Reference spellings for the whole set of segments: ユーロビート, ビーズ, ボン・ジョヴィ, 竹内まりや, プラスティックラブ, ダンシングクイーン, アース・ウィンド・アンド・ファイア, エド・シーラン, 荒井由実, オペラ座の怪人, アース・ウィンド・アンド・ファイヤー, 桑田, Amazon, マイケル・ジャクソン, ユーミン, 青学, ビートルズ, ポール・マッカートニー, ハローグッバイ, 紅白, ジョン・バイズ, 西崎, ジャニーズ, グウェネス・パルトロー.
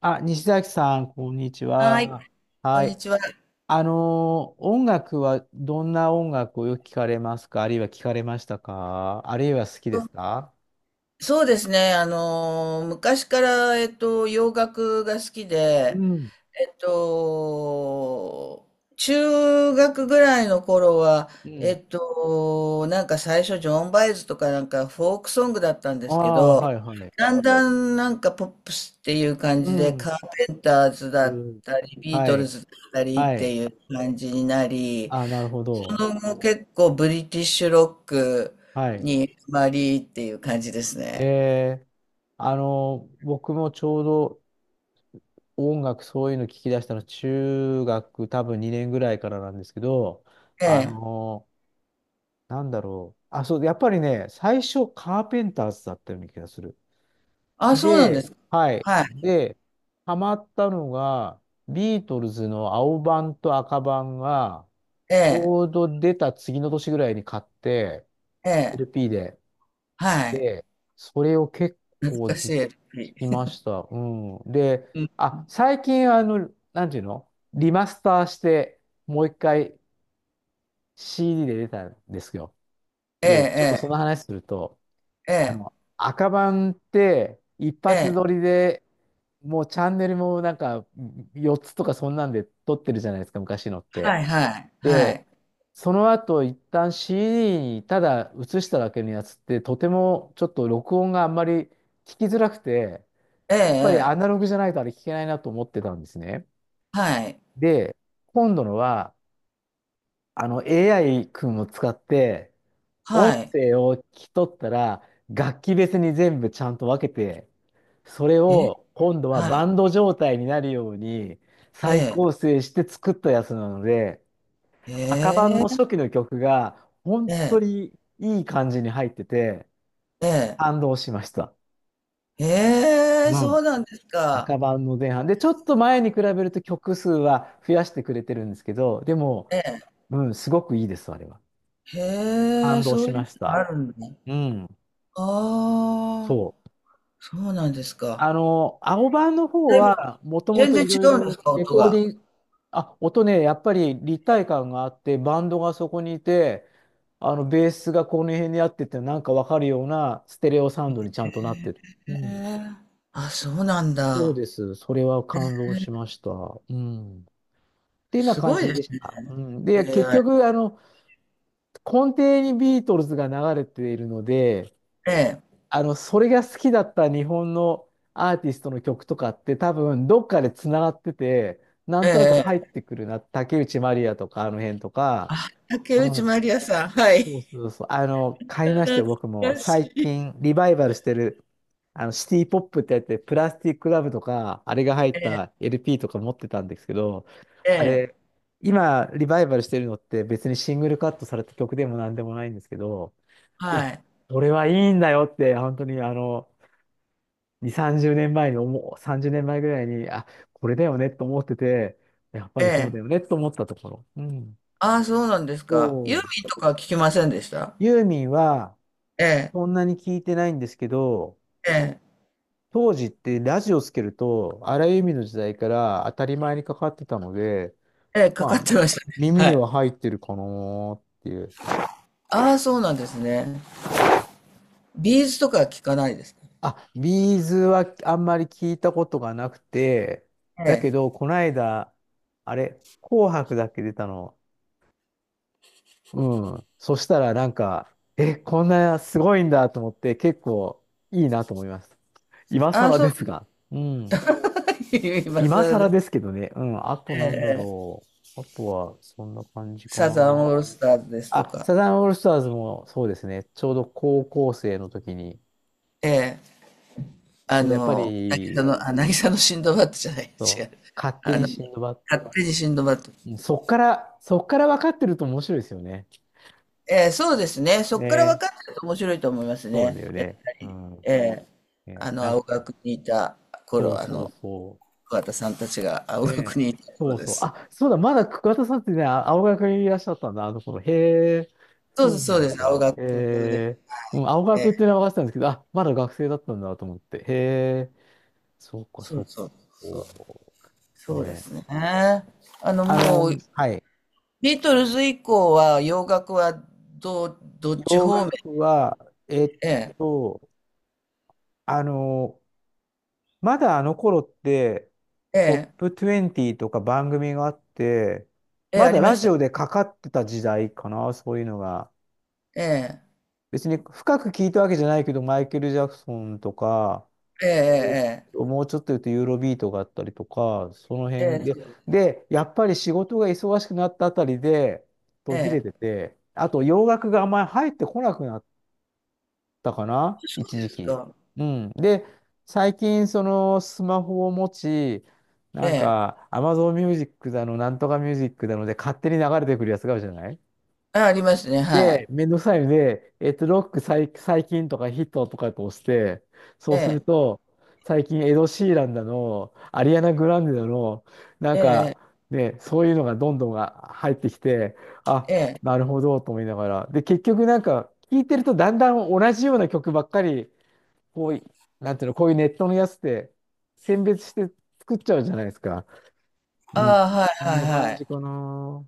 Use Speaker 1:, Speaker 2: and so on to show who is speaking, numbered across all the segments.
Speaker 1: あ、西崎さん、こんにち
Speaker 2: はい、
Speaker 1: は。
Speaker 2: こ
Speaker 1: は
Speaker 2: んに
Speaker 1: い。
Speaker 2: ちは。
Speaker 1: 音楽はどんな音楽をよく聞かれますか、あるいは聞かれましたか、あるいは好き
Speaker 2: そ
Speaker 1: で
Speaker 2: う
Speaker 1: すか？
Speaker 2: そうですね、昔から、洋楽が好き
Speaker 1: う
Speaker 2: で、
Speaker 1: ん。
Speaker 2: えっと、中学ぐらいの頃は、
Speaker 1: うん。
Speaker 2: なんか最初、ジョン・バイズとかなんかフォークソングだったんで
Speaker 1: あ
Speaker 2: すけ
Speaker 1: あ、
Speaker 2: ど、
Speaker 1: はいはい。
Speaker 2: だんだんなんかポップスっていう感
Speaker 1: う
Speaker 2: じで、
Speaker 1: ん。
Speaker 2: カーペンターズだ
Speaker 1: う
Speaker 2: っ
Speaker 1: ん。
Speaker 2: たり、ビー
Speaker 1: は
Speaker 2: トル
Speaker 1: い。
Speaker 2: ズだったりっ
Speaker 1: は
Speaker 2: て
Speaker 1: い。
Speaker 2: いう感じになり、
Speaker 1: あ、なるほ
Speaker 2: そ
Speaker 1: ど。
Speaker 2: の後結構ブリティッシュロック
Speaker 1: はい。
Speaker 2: にハマりっていう感じですね。
Speaker 1: えー、僕もちょうど音楽そういうの聞き出したの、中学多分2年ぐらいからなんですけど、
Speaker 2: え
Speaker 1: あ
Speaker 2: え。
Speaker 1: のあ、そう、やっぱりね、最初カーペンターズだったような気がする。
Speaker 2: あ、そうなんです
Speaker 1: で、
Speaker 2: か。
Speaker 1: はい。
Speaker 2: はい。
Speaker 1: で、ハマったのが、ビートルズの青版と赤版が、
Speaker 2: え
Speaker 1: ち
Speaker 2: え。
Speaker 1: ょうど出た次の年ぐらいに買って、
Speaker 2: ええ。
Speaker 1: LP で。
Speaker 2: はい。
Speaker 1: で、それを結
Speaker 2: 懐
Speaker 1: 構
Speaker 2: か
Speaker 1: ず
Speaker 2: し
Speaker 1: っ
Speaker 2: い。
Speaker 1: と
Speaker 2: エル
Speaker 1: 聞
Speaker 2: ピ
Speaker 1: きました。うん。で、
Speaker 2: ー。うん。
Speaker 1: あ、最近、あの、なんていうの、リマスターして、もう一回 CD で出たんですよ。
Speaker 2: え
Speaker 1: で、ちょっとその
Speaker 2: え、
Speaker 1: 話すると、
Speaker 2: ええ、え
Speaker 1: あの、
Speaker 2: え、
Speaker 1: 赤版って一
Speaker 2: え
Speaker 1: 発
Speaker 2: え。
Speaker 1: 撮りで、もうチャンネルもなんか4つとかそんなんで撮ってるじゃないですか、昔のって。
Speaker 2: はい、はい、は
Speaker 1: で、
Speaker 2: い。
Speaker 1: その後一旦 CD にただ映しただけのやつって、とてもちょっと録音があんまり聞きづらくて、
Speaker 2: ええ、
Speaker 1: やっぱり
Speaker 2: え
Speaker 1: アナ
Speaker 2: え。
Speaker 1: ログじゃないとあれ聞けないなと思ってたんですね。
Speaker 2: はい、
Speaker 1: で、今度のはあの AI 君を使って音
Speaker 2: はい。
Speaker 1: 声を聞き取ったら、楽器別に全部ちゃんと分けて、それ
Speaker 2: え、
Speaker 1: を今度は
Speaker 2: はい。
Speaker 1: バンド状態になるように
Speaker 2: え
Speaker 1: 再
Speaker 2: え、
Speaker 1: 構成して作ったやつなので、赤版
Speaker 2: え
Speaker 1: の
Speaker 2: え、
Speaker 1: 初期の曲が本
Speaker 2: ええ、
Speaker 1: 当にいい感じに入ってて、
Speaker 2: ええ。
Speaker 1: 感動しました。
Speaker 2: ええ、
Speaker 1: うん。
Speaker 2: そうなんですか。
Speaker 1: 赤版の前半。で、ちょっと前に比べると曲数は増やしてくれてるんですけど、でも、
Speaker 2: ええ。
Speaker 1: うん、すごくいいです、あれは。
Speaker 2: へ
Speaker 1: 感
Speaker 2: え、
Speaker 1: 動
Speaker 2: そ
Speaker 1: し
Speaker 2: うい
Speaker 1: ま
Speaker 2: う
Speaker 1: し
Speaker 2: のが
Speaker 1: た。
Speaker 2: あるんだ。
Speaker 1: うん、
Speaker 2: ああ。
Speaker 1: そう。
Speaker 2: そうなんですか。
Speaker 1: あの、青版の方
Speaker 2: だいぶ
Speaker 1: は、もとも
Speaker 2: 全
Speaker 1: と
Speaker 2: 然
Speaker 1: いろ
Speaker 2: 違
Speaker 1: い
Speaker 2: うんです
Speaker 1: ろ
Speaker 2: か、
Speaker 1: レ
Speaker 2: 音
Speaker 1: コー
Speaker 2: が。
Speaker 1: ディング、あ、音ね、やっぱり立体感があって、バンドがそこにいて、あの、ベースがこの辺にあってって、なんかわかるようなステレオサウンドにちゃんとなってる。う
Speaker 2: へ
Speaker 1: ん。
Speaker 2: え。あ、そうなん
Speaker 1: そう
Speaker 2: だ。
Speaker 1: です。それは感動しました。うん。っていうような
Speaker 2: す
Speaker 1: 感
Speaker 2: ごい
Speaker 1: じ
Speaker 2: で
Speaker 1: で
Speaker 2: す
Speaker 1: し
Speaker 2: ね、
Speaker 1: た。うん。
Speaker 2: エ
Speaker 1: で、結
Speaker 2: ーアイ。
Speaker 1: 局、あの、根底にビートルズが流れているので、あの、それが好きだった日本のアーティストの曲とかって多分どっかでつながってて、な
Speaker 2: え
Speaker 1: ん
Speaker 2: ええ
Speaker 1: となく入っ
Speaker 2: え。ええ。
Speaker 1: てくるな。竹内まりやとかあの辺とか。
Speaker 2: あ、竹
Speaker 1: う
Speaker 2: 内
Speaker 1: ん。
Speaker 2: まりやさん、はい。
Speaker 1: そうそうそう。あの、買いました
Speaker 2: 懐
Speaker 1: よ、僕も。
Speaker 2: かし
Speaker 1: 最
Speaker 2: い。
Speaker 1: 近リバイバルしてる、あの、シティポップってやって、プラスティックラブとか、あれが入
Speaker 2: え
Speaker 1: っ
Speaker 2: え、
Speaker 1: た LP とか持ってたんですけど、
Speaker 2: え
Speaker 1: あ
Speaker 2: え、
Speaker 1: れ、今リバイバルしてるのって別にシングルカットされた曲でもなんでもないんですけど、いや、
Speaker 2: はい。
Speaker 1: これはいいんだよって、本当にあの、2、30年前に思う、30年前ぐらいに、あ、これだよねと思ってて、やっぱ
Speaker 2: え
Speaker 1: りそう
Speaker 2: え。
Speaker 1: だよねと思ったところ。うん。
Speaker 2: あ、そうなんです
Speaker 1: そ
Speaker 2: か。ユー
Speaker 1: う。
Speaker 2: ミンとかは聞きませんでした？
Speaker 1: ユーミンは、
Speaker 2: ええ、
Speaker 1: そんなに聞いてないんですけど、
Speaker 2: ええ、
Speaker 1: 当時ってラジオつけると、荒井由実の時代から当たり前にかかってたので、
Speaker 2: ええ、か
Speaker 1: ま
Speaker 2: かっ
Speaker 1: あ、
Speaker 2: てましたね。
Speaker 1: 耳
Speaker 2: は
Speaker 1: に
Speaker 2: い。
Speaker 1: は入ってるかなーっていう。
Speaker 2: ああ、そうなんですね。ビーズとかは聞かないですか。
Speaker 1: あ、ビーズはあんまり聞いたことがなくて、
Speaker 2: え
Speaker 1: だけ
Speaker 2: え。
Speaker 1: ど、この間、あれ、紅白だっけ出たの、うん。そしたらなんか、え、こんなすごいんだと思って、結構いいなと思います。今
Speaker 2: ああ、
Speaker 1: 更
Speaker 2: そう。
Speaker 1: ですが。うん。
Speaker 2: 今
Speaker 1: 今
Speaker 2: 更
Speaker 1: 更
Speaker 2: で
Speaker 1: です
Speaker 2: す。
Speaker 1: けどね。うん。あとなんだろう。あとは、そんな感じか
Speaker 2: サ
Speaker 1: な。
Speaker 2: ザンオールスターズですと
Speaker 1: あ、
Speaker 2: か、
Speaker 1: サザンオールスターズもそうですね。ちょうど高校生の時に、
Speaker 2: ええ、あ
Speaker 1: そう、やっぱ
Speaker 2: の、渚
Speaker 1: り、
Speaker 2: の、あ、渚のシンドバッドじゃない、違
Speaker 1: そう、
Speaker 2: う。
Speaker 1: 勝手
Speaker 2: あ
Speaker 1: に
Speaker 2: の、
Speaker 1: シンドバッド。
Speaker 2: 勝手にシンドバッド。
Speaker 1: うん、そっから、そっから分かってると面白いですよね。
Speaker 2: ええ、そうですね。そ
Speaker 1: ね
Speaker 2: こから分かっ
Speaker 1: え。
Speaker 2: てると面白いと思います
Speaker 1: そう
Speaker 2: ね。
Speaker 1: だよ
Speaker 2: やっ
Speaker 1: ね。
Speaker 2: ぱ
Speaker 1: う
Speaker 2: り。
Speaker 1: ん。
Speaker 2: ええ、
Speaker 1: ね、
Speaker 2: あの、
Speaker 1: なん
Speaker 2: 青
Speaker 1: か、
Speaker 2: 学にいた
Speaker 1: そう
Speaker 2: 頃、あ
Speaker 1: そう
Speaker 2: の、
Speaker 1: そう。
Speaker 2: 桑田さんたちが青
Speaker 1: ね
Speaker 2: 学
Speaker 1: え。
Speaker 2: にいた
Speaker 1: そ
Speaker 2: 頃
Speaker 1: う
Speaker 2: で
Speaker 1: そう。
Speaker 2: す。
Speaker 1: あ、そうだ、まだ桑田さんってね、あ、青学にいらっしゃったんだ、あの頃。へえ、
Speaker 2: そう
Speaker 1: そ
Speaker 2: で
Speaker 1: う
Speaker 2: す、そう
Speaker 1: な
Speaker 2: で
Speaker 1: ん
Speaker 2: す。青
Speaker 1: だ。へ
Speaker 2: 学で。
Speaker 1: え、うん、青
Speaker 2: え
Speaker 1: 学
Speaker 2: え、
Speaker 1: っていうのは分かってたんですけど、あ、まだ学生だったんだと思って。へえ、そうか、
Speaker 2: そ
Speaker 1: そ
Speaker 2: う
Speaker 1: うか。
Speaker 2: そうそう。
Speaker 1: おー
Speaker 2: そ
Speaker 1: ね
Speaker 2: うで
Speaker 1: え。
Speaker 2: すね。あの、
Speaker 1: あ
Speaker 2: もう、
Speaker 1: の、はい。
Speaker 2: ビートルズ以降は洋楽はどっち
Speaker 1: 洋
Speaker 2: 方面？
Speaker 1: 楽は、えっ
Speaker 2: ええ、
Speaker 1: と、あの、まだあの頃って、
Speaker 2: え
Speaker 1: ト
Speaker 2: え、
Speaker 1: ップ20とか番組があって、
Speaker 2: ええ、
Speaker 1: ま
Speaker 2: あ
Speaker 1: だ
Speaker 2: りま
Speaker 1: ラ
Speaker 2: し
Speaker 1: ジオ
Speaker 2: た。
Speaker 1: でかかってた時代かな、そういうのが。
Speaker 2: ええ、
Speaker 1: 別に深く聞いたわけじゃないけど、マイケル・ジャクソンとか、
Speaker 2: え
Speaker 1: えっ
Speaker 2: え
Speaker 1: もうちょっと言うとユーロビートがあったりとか、その
Speaker 2: えええ
Speaker 1: 辺で、
Speaker 2: え、
Speaker 1: で、やっぱり仕事が忙しくなったあたりで
Speaker 2: え
Speaker 1: 途切れ
Speaker 2: え、
Speaker 1: てて、あと洋楽があんまり入ってこなくなったかな、
Speaker 2: そ
Speaker 1: 一
Speaker 2: うです。ええ、そうで
Speaker 1: 時
Speaker 2: す
Speaker 1: 期。
Speaker 2: か。
Speaker 1: うん。で、最近そのスマホを持ち、
Speaker 2: え
Speaker 1: なん
Speaker 2: え、
Speaker 1: か Amazon ミュージックだの、なんとかミュージックだので勝手に流れてくるやつがあるじゃない。
Speaker 2: あ、ありますね、は
Speaker 1: で、
Speaker 2: い。
Speaker 1: めんどくさいので、ロック最、最近とかヒットとかこ押して、そ
Speaker 2: え
Speaker 1: うする
Speaker 2: え、
Speaker 1: と、最近エド・シーランだの、アリアナ・グランデだの、なん
Speaker 2: え
Speaker 1: か
Speaker 2: え、
Speaker 1: ね、そういうのがどんどんが入ってきて、あ、
Speaker 2: ええ、
Speaker 1: なるほどと思いながら。で、結局なんか、聞いてるとだんだん同じような曲ばっかり、こうい、なんていうの、こういうネットのやつって選別して作っちゃうじゃないですか。
Speaker 2: あ
Speaker 1: うん。こ
Speaker 2: あ、はい
Speaker 1: んな
Speaker 2: はい
Speaker 1: 感
Speaker 2: はい。
Speaker 1: じかな。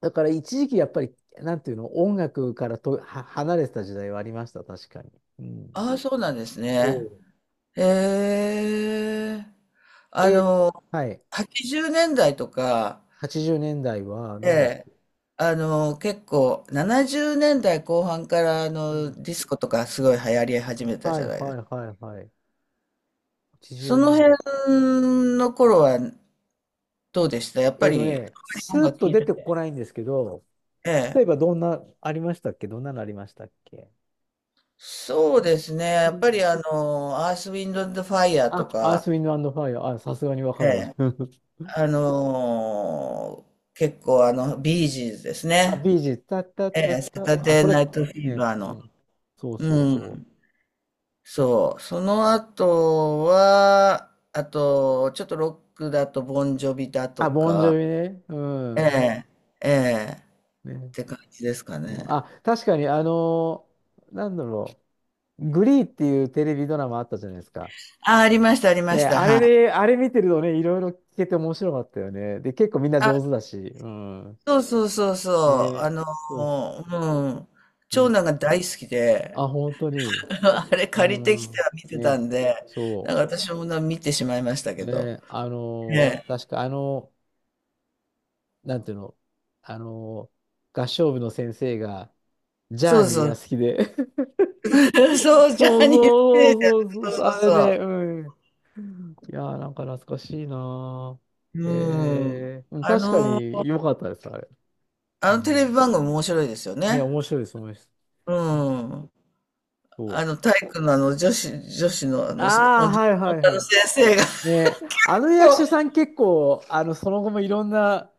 Speaker 1: だから一時期やっぱり、なんていうの、音楽からとは離れてた時代はありました、確かに。うん。
Speaker 2: ああ、そうなんです
Speaker 1: そ
Speaker 2: ね。
Speaker 1: う。
Speaker 2: へえ、あ
Speaker 1: えー、
Speaker 2: の、
Speaker 1: はい。
Speaker 2: 80年代とか、
Speaker 1: 80年代は、
Speaker 2: え
Speaker 1: なんだっ
Speaker 2: え、
Speaker 1: け。
Speaker 2: あの、結構、70年代後半からあ
Speaker 1: う
Speaker 2: の
Speaker 1: ん。
Speaker 2: ディスコとかすごい流行り始めた
Speaker 1: は
Speaker 2: じ
Speaker 1: い
Speaker 2: ゃ
Speaker 1: は
Speaker 2: ないですか。
Speaker 1: いはいはい。80
Speaker 2: そ
Speaker 1: 年
Speaker 2: の辺
Speaker 1: 代。
Speaker 2: の頃はどうでしたやっぱり、あまり
Speaker 1: ス
Speaker 2: 音
Speaker 1: ーッ
Speaker 2: 楽
Speaker 1: と
Speaker 2: 聴い
Speaker 1: 出
Speaker 2: て
Speaker 1: てこ
Speaker 2: て。
Speaker 1: ないんですけど、
Speaker 2: え
Speaker 1: 例
Speaker 2: え。
Speaker 1: えばどんな、ありましたっけ、どんなのありましたっけ？
Speaker 2: そうですね。
Speaker 1: う
Speaker 2: やっ
Speaker 1: ん。
Speaker 2: ぱりあの、アース・ウィンド・アンド・ファイヤー
Speaker 1: あ、
Speaker 2: と
Speaker 1: アー
Speaker 2: か、
Speaker 1: ス、ウィンド、アンド、ファイア。あ、さすがにわか
Speaker 2: え
Speaker 1: る。
Speaker 2: え、あのー結構あの、ビージーズです
Speaker 1: あ、
Speaker 2: ね。
Speaker 1: ビージー、タッタッ
Speaker 2: え
Speaker 1: タッ
Speaker 2: え、サ
Speaker 1: タ。
Speaker 2: タ
Speaker 1: あ、
Speaker 2: デ
Speaker 1: そ
Speaker 2: ー・
Speaker 1: れ、
Speaker 2: ナイト・フィー
Speaker 1: ね、
Speaker 2: バー
Speaker 1: う
Speaker 2: の。
Speaker 1: ん。そうそ
Speaker 2: う
Speaker 1: う
Speaker 2: ん。
Speaker 1: そう。
Speaker 2: そう。その後は、あと、ちょっとロックだと、ボンジョビだと
Speaker 1: あ、ボンジ
Speaker 2: か、
Speaker 1: ョビね。う
Speaker 2: え
Speaker 1: ん。
Speaker 2: え、ええ、っ
Speaker 1: ね、
Speaker 2: て感じですか
Speaker 1: うん、
Speaker 2: ね。
Speaker 1: あ、確かに、なんだろグリーっていうテレビドラマあったじゃないですか。
Speaker 2: あ、ありました、ありま
Speaker 1: ね、
Speaker 2: した。
Speaker 1: あれ
Speaker 2: はい。
Speaker 1: で、あれ見てるとね、いろいろ聞けて面白かったよね。で、結構みんな上手だし、うん。
Speaker 2: そうそうそうそう。あ
Speaker 1: ね、
Speaker 2: の、
Speaker 1: そうそう。
Speaker 2: うん。長
Speaker 1: ね、
Speaker 2: 男が大好きで、
Speaker 1: あ、本当に、
Speaker 2: あれ借りて
Speaker 1: う
Speaker 2: きて
Speaker 1: ん。
Speaker 2: は見てた
Speaker 1: ね、
Speaker 2: んで、な
Speaker 1: そ
Speaker 2: んか私もな見てしまいました
Speaker 1: う。
Speaker 2: けど。
Speaker 1: ね、
Speaker 2: ええ。
Speaker 1: 確かあの、なんていうの、あのー合唱部の先生が、ジャ
Speaker 2: そ
Speaker 1: ー
Speaker 2: う
Speaker 1: ニー
Speaker 2: そ
Speaker 1: が
Speaker 2: う。
Speaker 1: 好きで。
Speaker 2: そう、ジ
Speaker 1: そ
Speaker 2: ャ
Speaker 1: う
Speaker 2: ニーズテレビだ。
Speaker 1: そうそうそ
Speaker 2: そ
Speaker 1: うそ
Speaker 2: う
Speaker 1: う、
Speaker 2: そう
Speaker 1: あれね、う
Speaker 2: そ
Speaker 1: ん。いやー、なんか懐かしいな
Speaker 2: う。
Speaker 1: ー。
Speaker 2: うん。
Speaker 1: えー、うん、
Speaker 2: あ
Speaker 1: 確か
Speaker 2: の、
Speaker 1: に良かったです、あれ。う
Speaker 2: あのテレビ
Speaker 1: ん、
Speaker 2: 番組面白いですよ
Speaker 1: ね、
Speaker 2: ね。
Speaker 1: 面白いです、面白いです。
Speaker 2: うん。
Speaker 1: そ
Speaker 2: あ
Speaker 1: う。
Speaker 2: の、体育のあの女子、女子のあの、
Speaker 1: あ
Speaker 2: 女
Speaker 1: あ、はいはいは
Speaker 2: の
Speaker 1: い。
Speaker 2: 先生が。
Speaker 1: ね、あの
Speaker 2: そ
Speaker 1: 役
Speaker 2: う、
Speaker 1: 者さん結構、あの、その後もいろんな、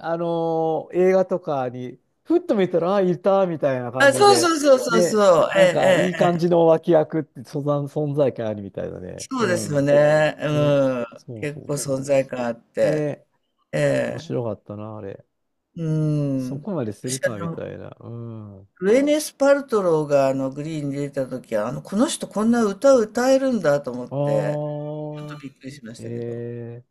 Speaker 1: 映画とかに、ふっと見たら、ああ、いた、みたいな感
Speaker 2: あ、
Speaker 1: じ
Speaker 2: そう
Speaker 1: で、
Speaker 2: そうそうそう
Speaker 1: ね、
Speaker 2: そう。え
Speaker 1: なんか、い
Speaker 2: え、
Speaker 1: い
Speaker 2: え
Speaker 1: 感
Speaker 2: え。
Speaker 1: じの脇役って、そざん存在感あるみたいだね。
Speaker 2: そ
Speaker 1: う
Speaker 2: うですよ
Speaker 1: ん。
Speaker 2: ね。う
Speaker 1: ね、
Speaker 2: ん。
Speaker 1: そう
Speaker 2: 結
Speaker 1: そう
Speaker 2: 構存
Speaker 1: そ
Speaker 2: 在感あっ
Speaker 1: う。
Speaker 2: て。
Speaker 1: ね、
Speaker 2: え
Speaker 1: 面
Speaker 2: え。
Speaker 1: 白かったな、あれ。
Speaker 2: う
Speaker 1: そ
Speaker 2: ん。
Speaker 1: こまでする
Speaker 2: 私、あ
Speaker 1: かみ
Speaker 2: の、
Speaker 1: たいな。うん。
Speaker 2: グエネス・パルトローがあのグリーンに出た時は、あの、この人こんな歌を歌えるんだと思って、
Speaker 1: あ
Speaker 2: ちょっと
Speaker 1: あ、
Speaker 2: びっくりしましたけど。
Speaker 1: ええ、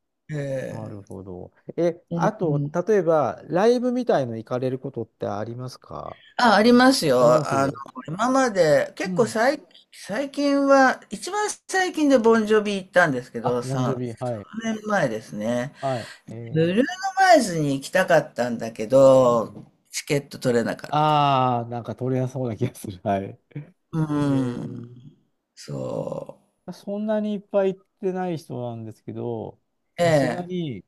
Speaker 1: な
Speaker 2: え
Speaker 1: る
Speaker 2: え。
Speaker 1: ほど。え、
Speaker 2: うん
Speaker 1: あ
Speaker 2: う
Speaker 1: と、
Speaker 2: ん。
Speaker 1: 例えば、ライブみたいの行かれることってありますか？
Speaker 2: あ、あります
Speaker 1: ありま
Speaker 2: よ。
Speaker 1: す。
Speaker 2: あの、
Speaker 1: う
Speaker 2: 今まで、結構
Speaker 1: ん。
Speaker 2: 最近は、一番最近でボンジョビ行ったんですけ
Speaker 1: あ、
Speaker 2: ど、
Speaker 1: モンジョ
Speaker 2: 3、
Speaker 1: ビ、はい。
Speaker 2: 3年前ですね。
Speaker 1: はい。え
Speaker 2: ブルー
Speaker 1: え、
Speaker 2: ノ・マーズに行きたかったんだけど、チケット取れなかった。
Speaker 1: ああー、なんか取れやすそうな気がする。はい。
Speaker 2: うー
Speaker 1: え
Speaker 2: ん。そ
Speaker 1: そんなにいっぱい行ってない人なんですけど、
Speaker 2: う。え
Speaker 1: さすが
Speaker 2: え。
Speaker 1: に、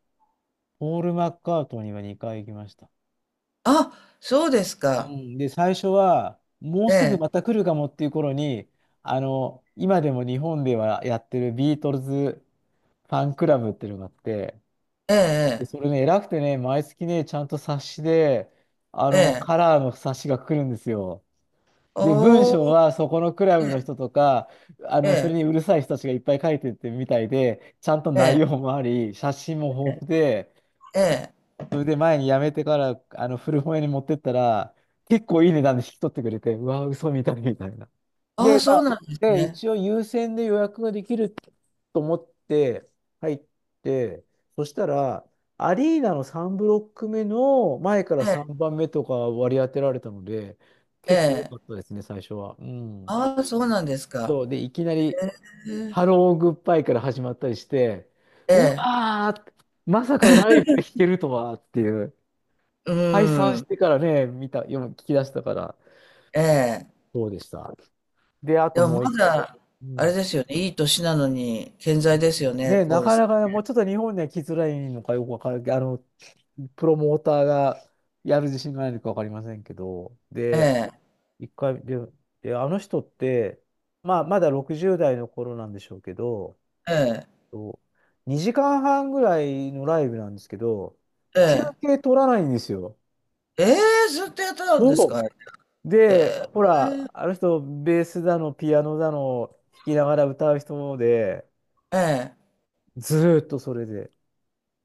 Speaker 1: ポール・マッカートニーは2回行きました。
Speaker 2: あ、そうです
Speaker 1: う
Speaker 2: か。
Speaker 1: ん。で、最初は、もう
Speaker 2: え
Speaker 1: すぐ
Speaker 2: え、
Speaker 1: また来るかもっていう頃に、今でも日本ではやってるビートルズファンクラブっていうのがあって、
Speaker 2: え
Speaker 1: で、
Speaker 2: え、
Speaker 1: それね、偉くてね、毎月ね、ちゃんと冊子で、
Speaker 2: ええ、え
Speaker 1: カ
Speaker 2: え。
Speaker 1: ラーの冊子が来るんですよ。で、文
Speaker 2: お
Speaker 1: 章
Speaker 2: ー、
Speaker 1: はそこのクラブの人とか、
Speaker 2: え
Speaker 1: それ
Speaker 2: え、
Speaker 1: にうるさい人たちがいっぱい書いてってみたいで、ちゃんと
Speaker 2: え
Speaker 1: 内
Speaker 2: え、
Speaker 1: 容もあり、写真も
Speaker 2: ええ、
Speaker 1: 豊富で、
Speaker 2: ええ。
Speaker 1: それで前に辞めてから、古本屋に持ってったら、結構いい値段で引き取ってくれて、うわ、嘘みたいみたいな。
Speaker 2: あ
Speaker 1: で、
Speaker 2: あ、
Speaker 1: ま
Speaker 2: そ
Speaker 1: あ、
Speaker 2: うなんです
Speaker 1: で、
Speaker 2: ね。
Speaker 1: 一応優先で予約ができると思って入って、そしたら、アリーナの3ブロック目の前から
Speaker 2: え
Speaker 1: 3番目とか割り当てられたので、
Speaker 2: え、え
Speaker 1: 結構良かっ
Speaker 2: え。
Speaker 1: たですね、最初は。うん。
Speaker 2: ああ、そうなんですか。
Speaker 1: そう、で、いきなり、
Speaker 2: ええ、
Speaker 1: ハローグッバイから始まったりして、
Speaker 2: え
Speaker 1: う
Speaker 2: え、
Speaker 1: わー、まさかライブで弾けるとはっていう。
Speaker 2: う
Speaker 1: 解散し
Speaker 2: ん、
Speaker 1: てからね、見た、読む、聞き出したから、
Speaker 2: ええ。
Speaker 1: そうでした。で、あと
Speaker 2: で
Speaker 1: も
Speaker 2: も
Speaker 1: う
Speaker 2: ま
Speaker 1: 一、
Speaker 2: だ、
Speaker 1: う
Speaker 2: あ
Speaker 1: ん。
Speaker 2: れですよね、いい年なのに健在ですよね、
Speaker 1: ね、な
Speaker 2: ポール
Speaker 1: か
Speaker 2: さん。
Speaker 1: なかね、もうちょっと日本には来づらいのかよくわからけど、プロモーターがやる自信がないのかわかりませんけど、
Speaker 2: え
Speaker 1: で、
Speaker 2: え、
Speaker 1: 一回、で、で、あの人って、まあ、まだ60代の頃なんでしょうけど、
Speaker 2: ええ。
Speaker 1: 2時間半ぐらいのライブなんですけど、
Speaker 2: え
Speaker 1: 休
Speaker 2: え。
Speaker 1: 憩取らないんですよ。
Speaker 2: ええ、ずっとやってたんですか？
Speaker 1: そう。
Speaker 2: え
Speaker 1: で、
Speaker 2: え。
Speaker 1: ほら、あの人、ベースだの、ピアノだの、弾きながら歌う人で、
Speaker 2: え
Speaker 1: ずーっとそれで、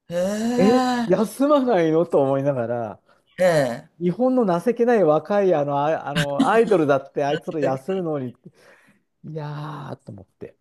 Speaker 2: え。ええ。
Speaker 1: 休まないのと思いながら、
Speaker 2: ええ。
Speaker 1: 日本の情けない若いあの、アイドルだって、あいつら休むのに、いやーと思って、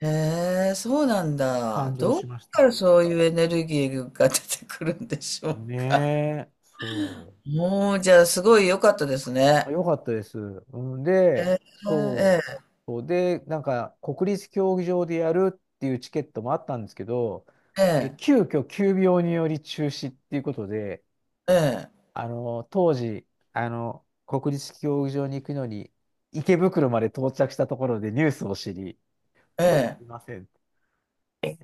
Speaker 2: ええ、え、そうなんだ。
Speaker 1: 感動
Speaker 2: どっ
Speaker 1: しまし
Speaker 2: から
Speaker 1: た。
Speaker 2: そういうエネルギーが出てくるんでしょう
Speaker 1: ね
Speaker 2: か？
Speaker 1: え、そう。
Speaker 2: もう、じゃあ、すごい良かったです
Speaker 1: あ、
Speaker 2: ね。
Speaker 1: よかったです。うん、
Speaker 2: え
Speaker 1: で、
Speaker 2: え、
Speaker 1: そ
Speaker 2: え
Speaker 1: う。
Speaker 2: え、
Speaker 1: そうで、なんか、国立競技場でやるっていうチケットもあったんですけど、
Speaker 2: え
Speaker 1: え、
Speaker 2: え、
Speaker 1: 急遽急病により中止っていうことで、
Speaker 2: え
Speaker 1: 当時、国立競技場に行くのに、池袋まで到着したところでニュースを知り、
Speaker 2: え、
Speaker 1: 今日はあ
Speaker 2: え
Speaker 1: り
Speaker 2: え。
Speaker 1: ません。え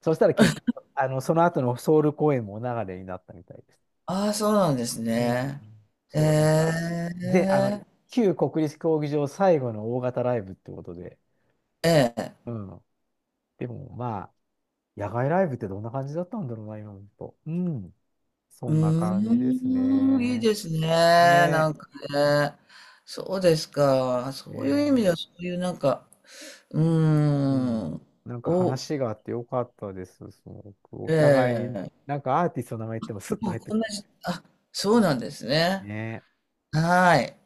Speaker 1: そしたら結局、その後のソウル公演もお流れになったみたいです。
Speaker 2: ああ、そうなんです
Speaker 1: うん。
Speaker 2: ね。え
Speaker 1: そう、なんか、で、
Speaker 2: え。
Speaker 1: 旧国立競技場最後の大型ライブってことで、
Speaker 2: ええ。
Speaker 1: うん。でも、まあ、野外ライブってどんな感じだったんだろうな、今思うと。うん。そ
Speaker 2: う
Speaker 1: んな感じです
Speaker 2: ーん、いい
Speaker 1: ね。
Speaker 2: ですね。なん
Speaker 1: ね
Speaker 2: かね。そうですか。
Speaker 1: え。
Speaker 2: そういう意味で
Speaker 1: ね
Speaker 2: は、そういうなんか、う
Speaker 1: え、う
Speaker 2: ー
Speaker 1: ん。
Speaker 2: ん、
Speaker 1: なんか
Speaker 2: お、
Speaker 1: 話があってよかったです、すごく。お互いに、
Speaker 2: ええ。
Speaker 1: なんかアーティストの名前言ってもスッと
Speaker 2: もう
Speaker 1: 入って
Speaker 2: こん
Speaker 1: く
Speaker 2: な
Speaker 1: る。
Speaker 2: じ、あ、そうなんですね。
Speaker 1: ねね。
Speaker 2: はい。